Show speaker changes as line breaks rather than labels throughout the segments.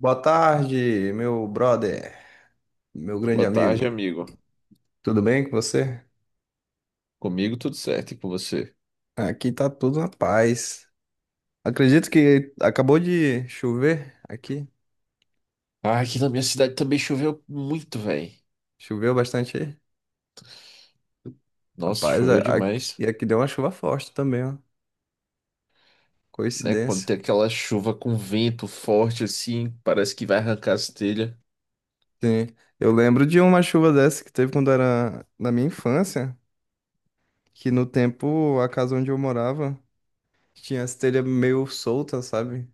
Boa tarde, meu brother, meu grande
Boa tarde,
amigo.
amigo.
Tudo bem com você?
Comigo tudo certo, e com você?
Aqui tá tudo na paz. Acredito que acabou de chover aqui.
Ah, aqui na minha cidade também choveu muito, velho.
Choveu bastante aí.
Nossa,
Rapaz,
choveu demais,
e aqui deu uma chuva forte também, ó.
né? Quando
Coincidência.
tem aquela chuva com vento forte assim, parece que vai arrancar as telhas.
Sim. Eu lembro de uma chuva dessa que teve quando era na minha infância, que no tempo a casa onde eu morava tinha as telhas meio soltas, sabe?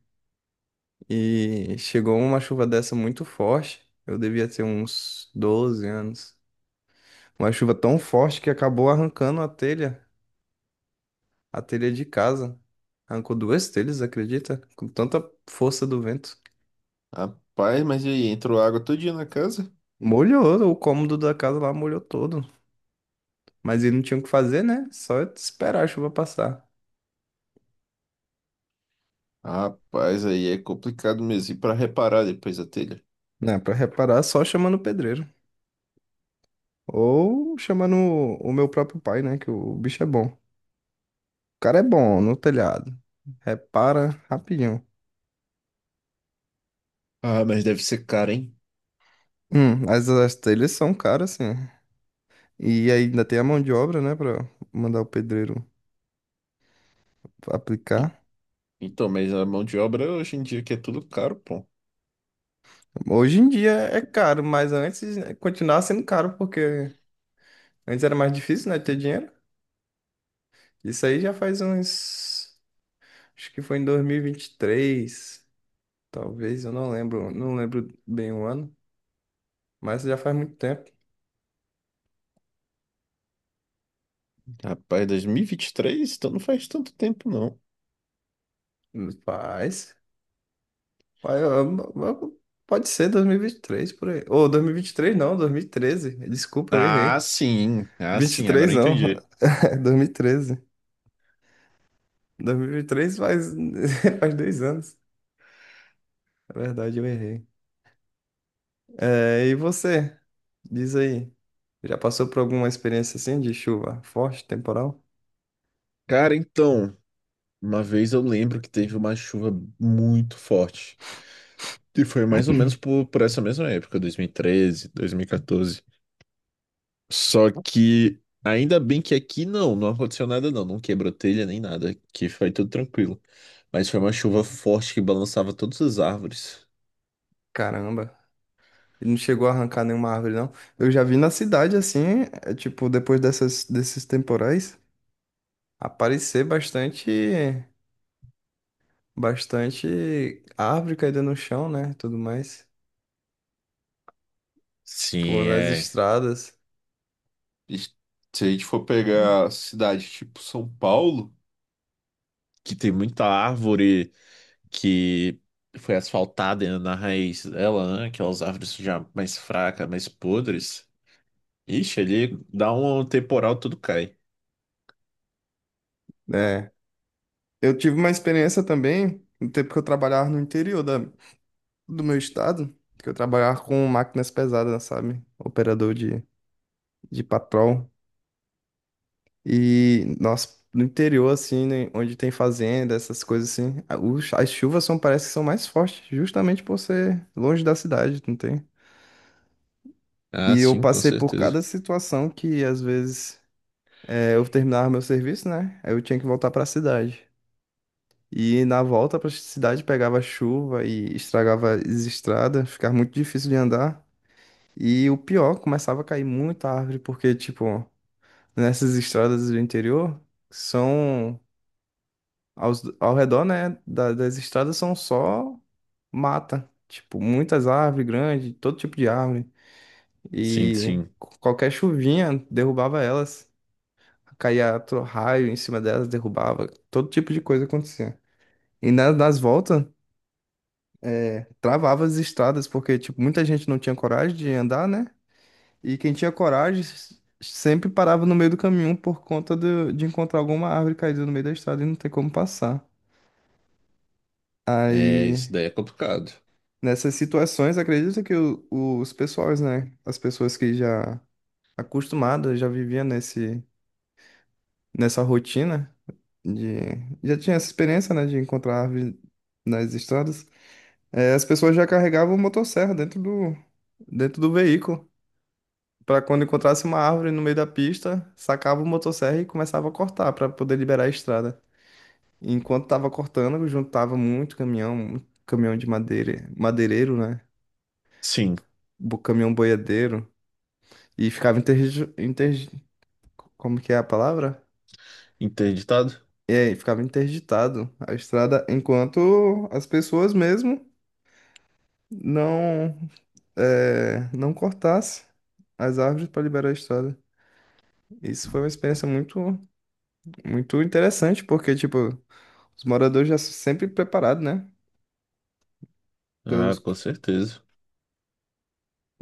E chegou uma chuva dessa muito forte. Eu devia ter uns 12 anos. Uma chuva tão forte que acabou arrancando a telha de casa. Arrancou duas telhas, acredita? Com tanta força do vento.
Rapaz, mas e aí, entrou água todo dia na casa?
Molhou, o cômodo da casa lá molhou todo. Mas ele não tinha o que fazer, né? Só esperar a chuva passar.
Rapaz, aí é complicado mesmo. E pra reparar depois a telha?
Né, pra reparar, só chamando o pedreiro. Ou chamando o meu próprio pai, né? Que o bicho é bom. O cara é bom no telhado. Repara rapidinho.
Ah, mas deve ser caro, hein?
As telhas são caras, sim. E ainda tem a mão de obra, né, pra mandar o pedreiro
E-
aplicar.
Então, mas a mão de obra hoje em dia que é tudo caro, pô.
Hoje em dia é caro, mas antes né, continuava sendo caro, porque antes era mais difícil, né, ter dinheiro. Isso aí já faz uns. Acho que foi em dois mil e vinte e três talvez, eu não lembro, não lembro bem o ano, mas já faz muito tempo.
Rapaz, 2023? Então não faz tanto tempo, não.
Faz. Faz- Pode ser dois mil e vinte e três por aí. Ou 2023 não, 2013. Desculpa, eu
Ah,
errei.
sim. Ah,
Vinte e
sim. Agora
três,
eu
não.
entendi.
É 2013. 2003 faz, faz 2 anos. É verdade, eu errei. É, e você? Diz aí. Já passou por alguma experiência assim de chuva forte, temporal?
Cara, então, uma vez eu lembro que teve uma chuva muito forte. E foi mais ou menos por essa mesma época, 2013, 2014. Só que ainda bem que aqui não aconteceu nada não, não quebrou telha nem nada, que foi tudo tranquilo. Mas foi uma chuva forte que balançava todas as árvores.
Caramba. E não chegou a arrancar nenhuma árvore, não. Eu já vi na cidade assim, é, tipo, depois desses temporais, aparecer bastante, bastante árvore caída no chão, né? Tudo mais. Tipo,
Sim,
nas
é.
estradas.
E se a gente for pegar cidade tipo São Paulo, que tem muita árvore, que foi asfaltada na raiz dela, né? Aquelas árvores já mais fracas, mais podres. Ixi, ali dá um temporal, tudo cai.
Né? Eu tive uma experiência também, no tempo que eu trabalhava no interior do meu estado, que eu trabalhava com máquinas pesadas, sabe? Operador de patrol. E, nossa, no interior, assim, né, onde tem fazenda, essas coisas assim, as chuvas são, parece que são mais fortes, justamente por ser longe da cidade, não tem?
Ah,
E eu
sim, com
passei por
certeza.
cada situação que, às vezes, é, eu terminava meu serviço, né? Aí eu tinha que voltar pra cidade. E na volta para a cidade pegava chuva e estragava as estradas, ficava muito difícil de andar. E o pior, começava a cair muita árvore, porque, tipo, nessas estradas do interior, são ao redor, né, das estradas são só mata. Tipo, muitas árvores grandes, todo tipo de árvore.
Sim,
E
sim.
qualquer chuvinha derrubava elas. Caía raio em cima delas, derrubava. Todo tipo de coisa acontecia. E nas voltas. Travava as estradas, porque, tipo, muita gente não tinha coragem de andar, né? E quem tinha coragem sempre parava no meio do caminho por conta de encontrar alguma árvore caída no meio da estrada e não ter como passar.
É, isso
Aí,
daí é complicado.
nessas situações, acredito que os pessoais, né? As pessoas que já acostumadas, já viviam nessa rotina, de, já tinha essa experiência, né, de encontrar árvore nas estradas, as pessoas já carregavam motosserra dentro do veículo. Pra quando encontrasse uma árvore no meio da pista, sacava o motosserra e começava a cortar pra poder liberar a estrada. E enquanto tava cortando, juntava muito caminhão de madeira, madeireiro, né?
Sim.
Caminhão boiadeiro. E ficava. Como que é a palavra?
Interditado?
É, e ficava interditado a estrada enquanto as pessoas mesmo não, é, não cortassem as árvores para liberar a estrada. Isso foi uma experiência muito, muito interessante, porque, tipo. Os moradores já sempre preparados, né?
Ah,
Pelos.
com certeza.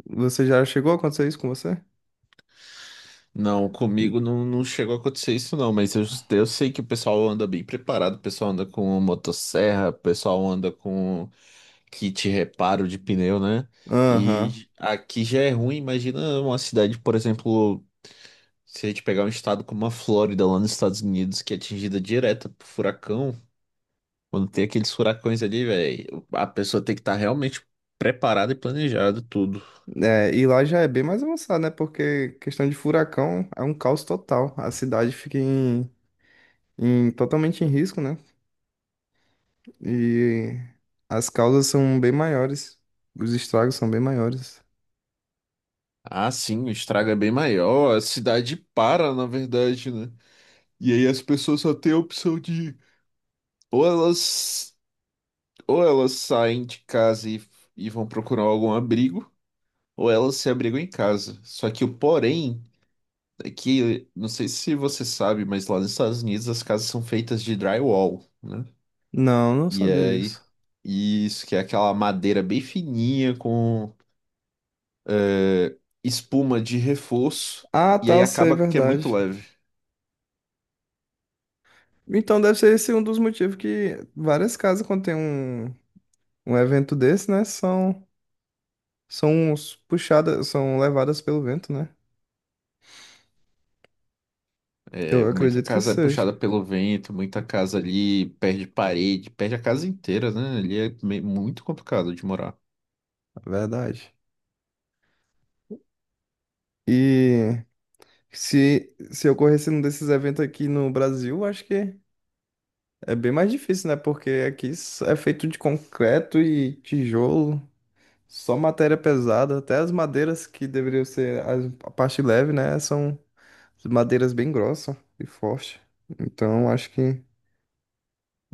Você já chegou a acontecer isso com você?
Não, comigo não, não chegou a acontecer isso não, mas eu sei que o pessoal anda bem preparado, o pessoal anda com motosserra, o pessoal anda com kit reparo de pneu, né?
Aham.
E aqui já é ruim, imagina uma cidade, por exemplo, se a gente pegar um estado como a Flórida, lá nos Estados Unidos, que é atingida direta por furacão. Quando tem aqueles furacões ali, velho, a pessoa tem que estar realmente preparada e planejada tudo.
É, e lá já é bem mais avançado, né? Porque questão de furacão é um caos total. A cidade fica em, totalmente em risco, né? E as causas são bem maiores. Os estragos são bem maiores.
Ah, sim, o estrago é bem maior, a cidade para, na verdade, né? E aí as pessoas só têm a opção de ou elas ou elas saem de casa e vão procurar algum abrigo, ou elas se abrigam em casa. Só que o porém é que, não sei se você sabe, mas lá nos Estados Unidos as casas são feitas de drywall, né?
Não, não
E
sabia
aí
disso.
isso que é aquela madeira bem fininha com eh, espuma de reforço,
Ah,
e
tá,
aí
eu sei,
acaba que é muito
verdade.
leve.
Então deve ser esse um dos motivos que várias casas, quando tem um evento desse, né? São puxadas, são levadas pelo vento, né?
É,
Eu
muita
acredito que
casa é
seja,
puxada pelo vento, muita casa ali perde parede, perde a casa inteira, né? Ali é muito complicado de morar.
na verdade. E se ocorresse um desses eventos aqui no Brasil, acho que é bem mais difícil, né? Porque aqui é feito de concreto e tijolo, só matéria pesada. Até as madeiras que deveriam ser a parte leve, né? São madeiras bem grossas e fortes. Então acho que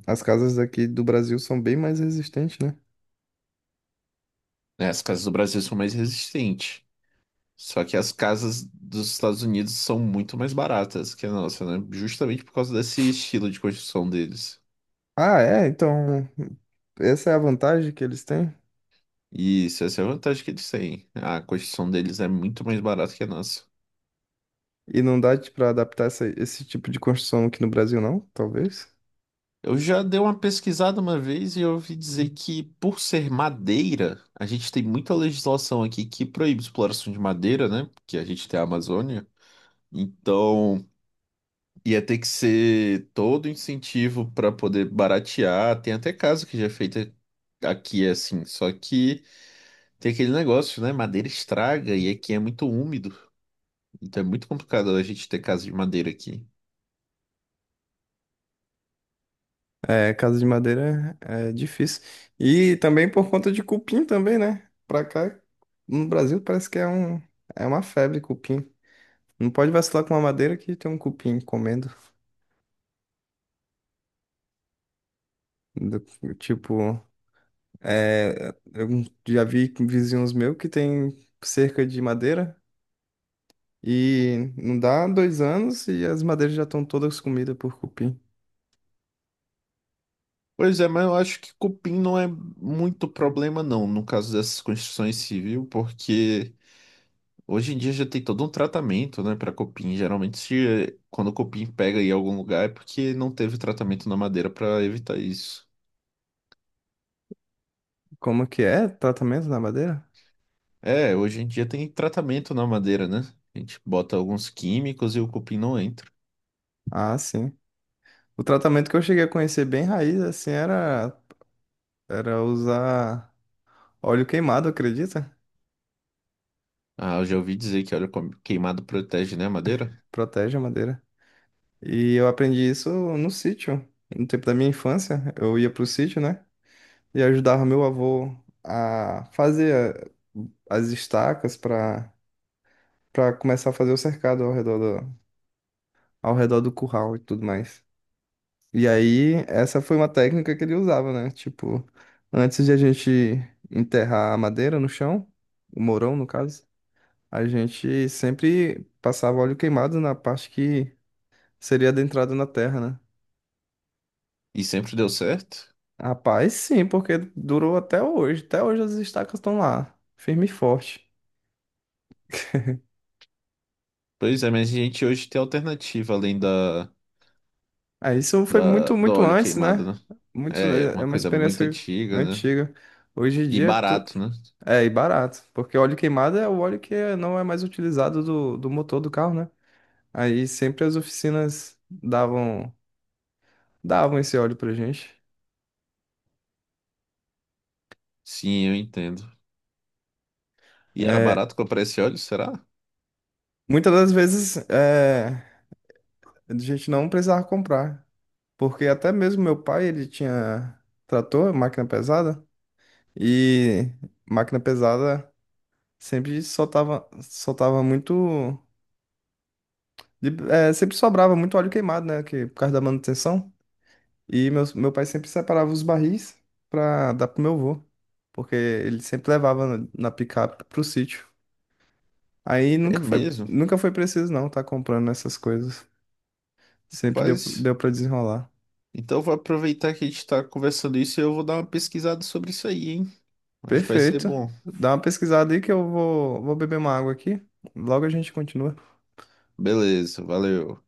as casas aqui do Brasil são bem mais resistentes, né?
Né? As casas do Brasil são mais resistentes. Só que as casas dos Estados Unidos são muito mais baratas que a nossa, né? Justamente por causa desse estilo de construção deles.
Ah, é, então. Essa é a vantagem que eles têm?
E isso, essa é a vantagem que eles têm. A construção deles é muito mais barata que a nossa.
E não dá para adaptar esse tipo de construção aqui no Brasil, não? Talvez.
Eu já dei uma pesquisada uma vez e eu ouvi dizer que, por ser madeira, a gente tem muita legislação aqui que proíbe exploração de madeira, né? Porque a gente tem a Amazônia. Então, ia ter que ser todo incentivo para poder baratear. Tem até caso que já é feito aqui, assim. Só que tem aquele negócio, né? Madeira estraga e aqui é muito úmido. Então, é muito complicado a gente ter casa de madeira aqui.
É, casa de madeira é difícil. E também por conta de cupim também, né? Pra cá, no Brasil, parece que é uma febre cupim. Não pode vacilar com uma madeira que tem um cupim comendo. Do- tipo, é, eu já vi vizinhos meus que tem cerca de madeira e não dá dois anos e as madeiras já estão todas comidas por cupim.
Pois é, mas eu acho que cupim não é muito problema, não, no caso dessas construções civil, porque hoje em dia já tem todo um tratamento, né, para cupim. Geralmente, quando o cupim pega em algum lugar, é porque não teve tratamento na madeira para evitar isso.
Como que é? Tratamento na madeira?
É, hoje em dia tem tratamento na madeira, né? A gente bota alguns químicos e o cupim não entra.
Ah, sim. O tratamento que eu cheguei a conhecer bem raiz, assim, era usar óleo queimado, acredita?
Ah, eu já ouvi dizer que óleo queimado protege, né, a madeira?
Protege a madeira. E eu aprendi isso no sítio, no tempo da minha infância. Eu ia pro sítio, né? E ajudava meu avô a fazer as estacas para começar a fazer o cercado ao redor do curral e tudo mais. E aí, essa foi uma técnica que ele usava, né? Tipo, antes de a gente enterrar a madeira no chão, o mourão, no caso, a gente sempre passava óleo queimado na parte que seria adentrada na terra, né?
E sempre deu certo.
Rapaz, sim, porque durou até hoje. Até hoje as estacas estão lá, firme e forte.
Pois é, mas a gente hoje tem alternativa além
Aí isso foi muito,
do
muito
óleo
antes,
queimado,
né?
né?
Muito,
É
é
uma
uma
coisa muito
experiência
antiga, né?
antiga. Hoje em
E
dia,
barato, né?
é, e barato, porque óleo queimado é o óleo que não é mais utilizado do motor do carro, né? Aí sempre as oficinas davam esse óleo pra gente.
Sim, eu entendo. E era
É,
barato comprar esse óleo, será?
muitas das vezes é, a gente não precisava comprar, porque até mesmo meu pai, ele tinha trator, máquina pesada, e máquina pesada sempre soltava muito, é, sempre sobrava muito óleo queimado, né? Que, por causa da manutenção. E meu pai sempre separava os barris pra dar pro meu avô, porque ele sempre levava na picape pro sítio. Aí
É
nunca foi,
mesmo.
nunca foi preciso não tá comprando essas coisas. Sempre deu,
Mas
deu para desenrolar.
então eu vou aproveitar que a gente tá conversando isso e eu vou dar uma pesquisada sobre isso aí, hein? Acho que vai ser
Perfeito.
bom.
Dá uma pesquisada aí que eu vou beber uma água aqui. Logo a gente continua.
Beleza, valeu.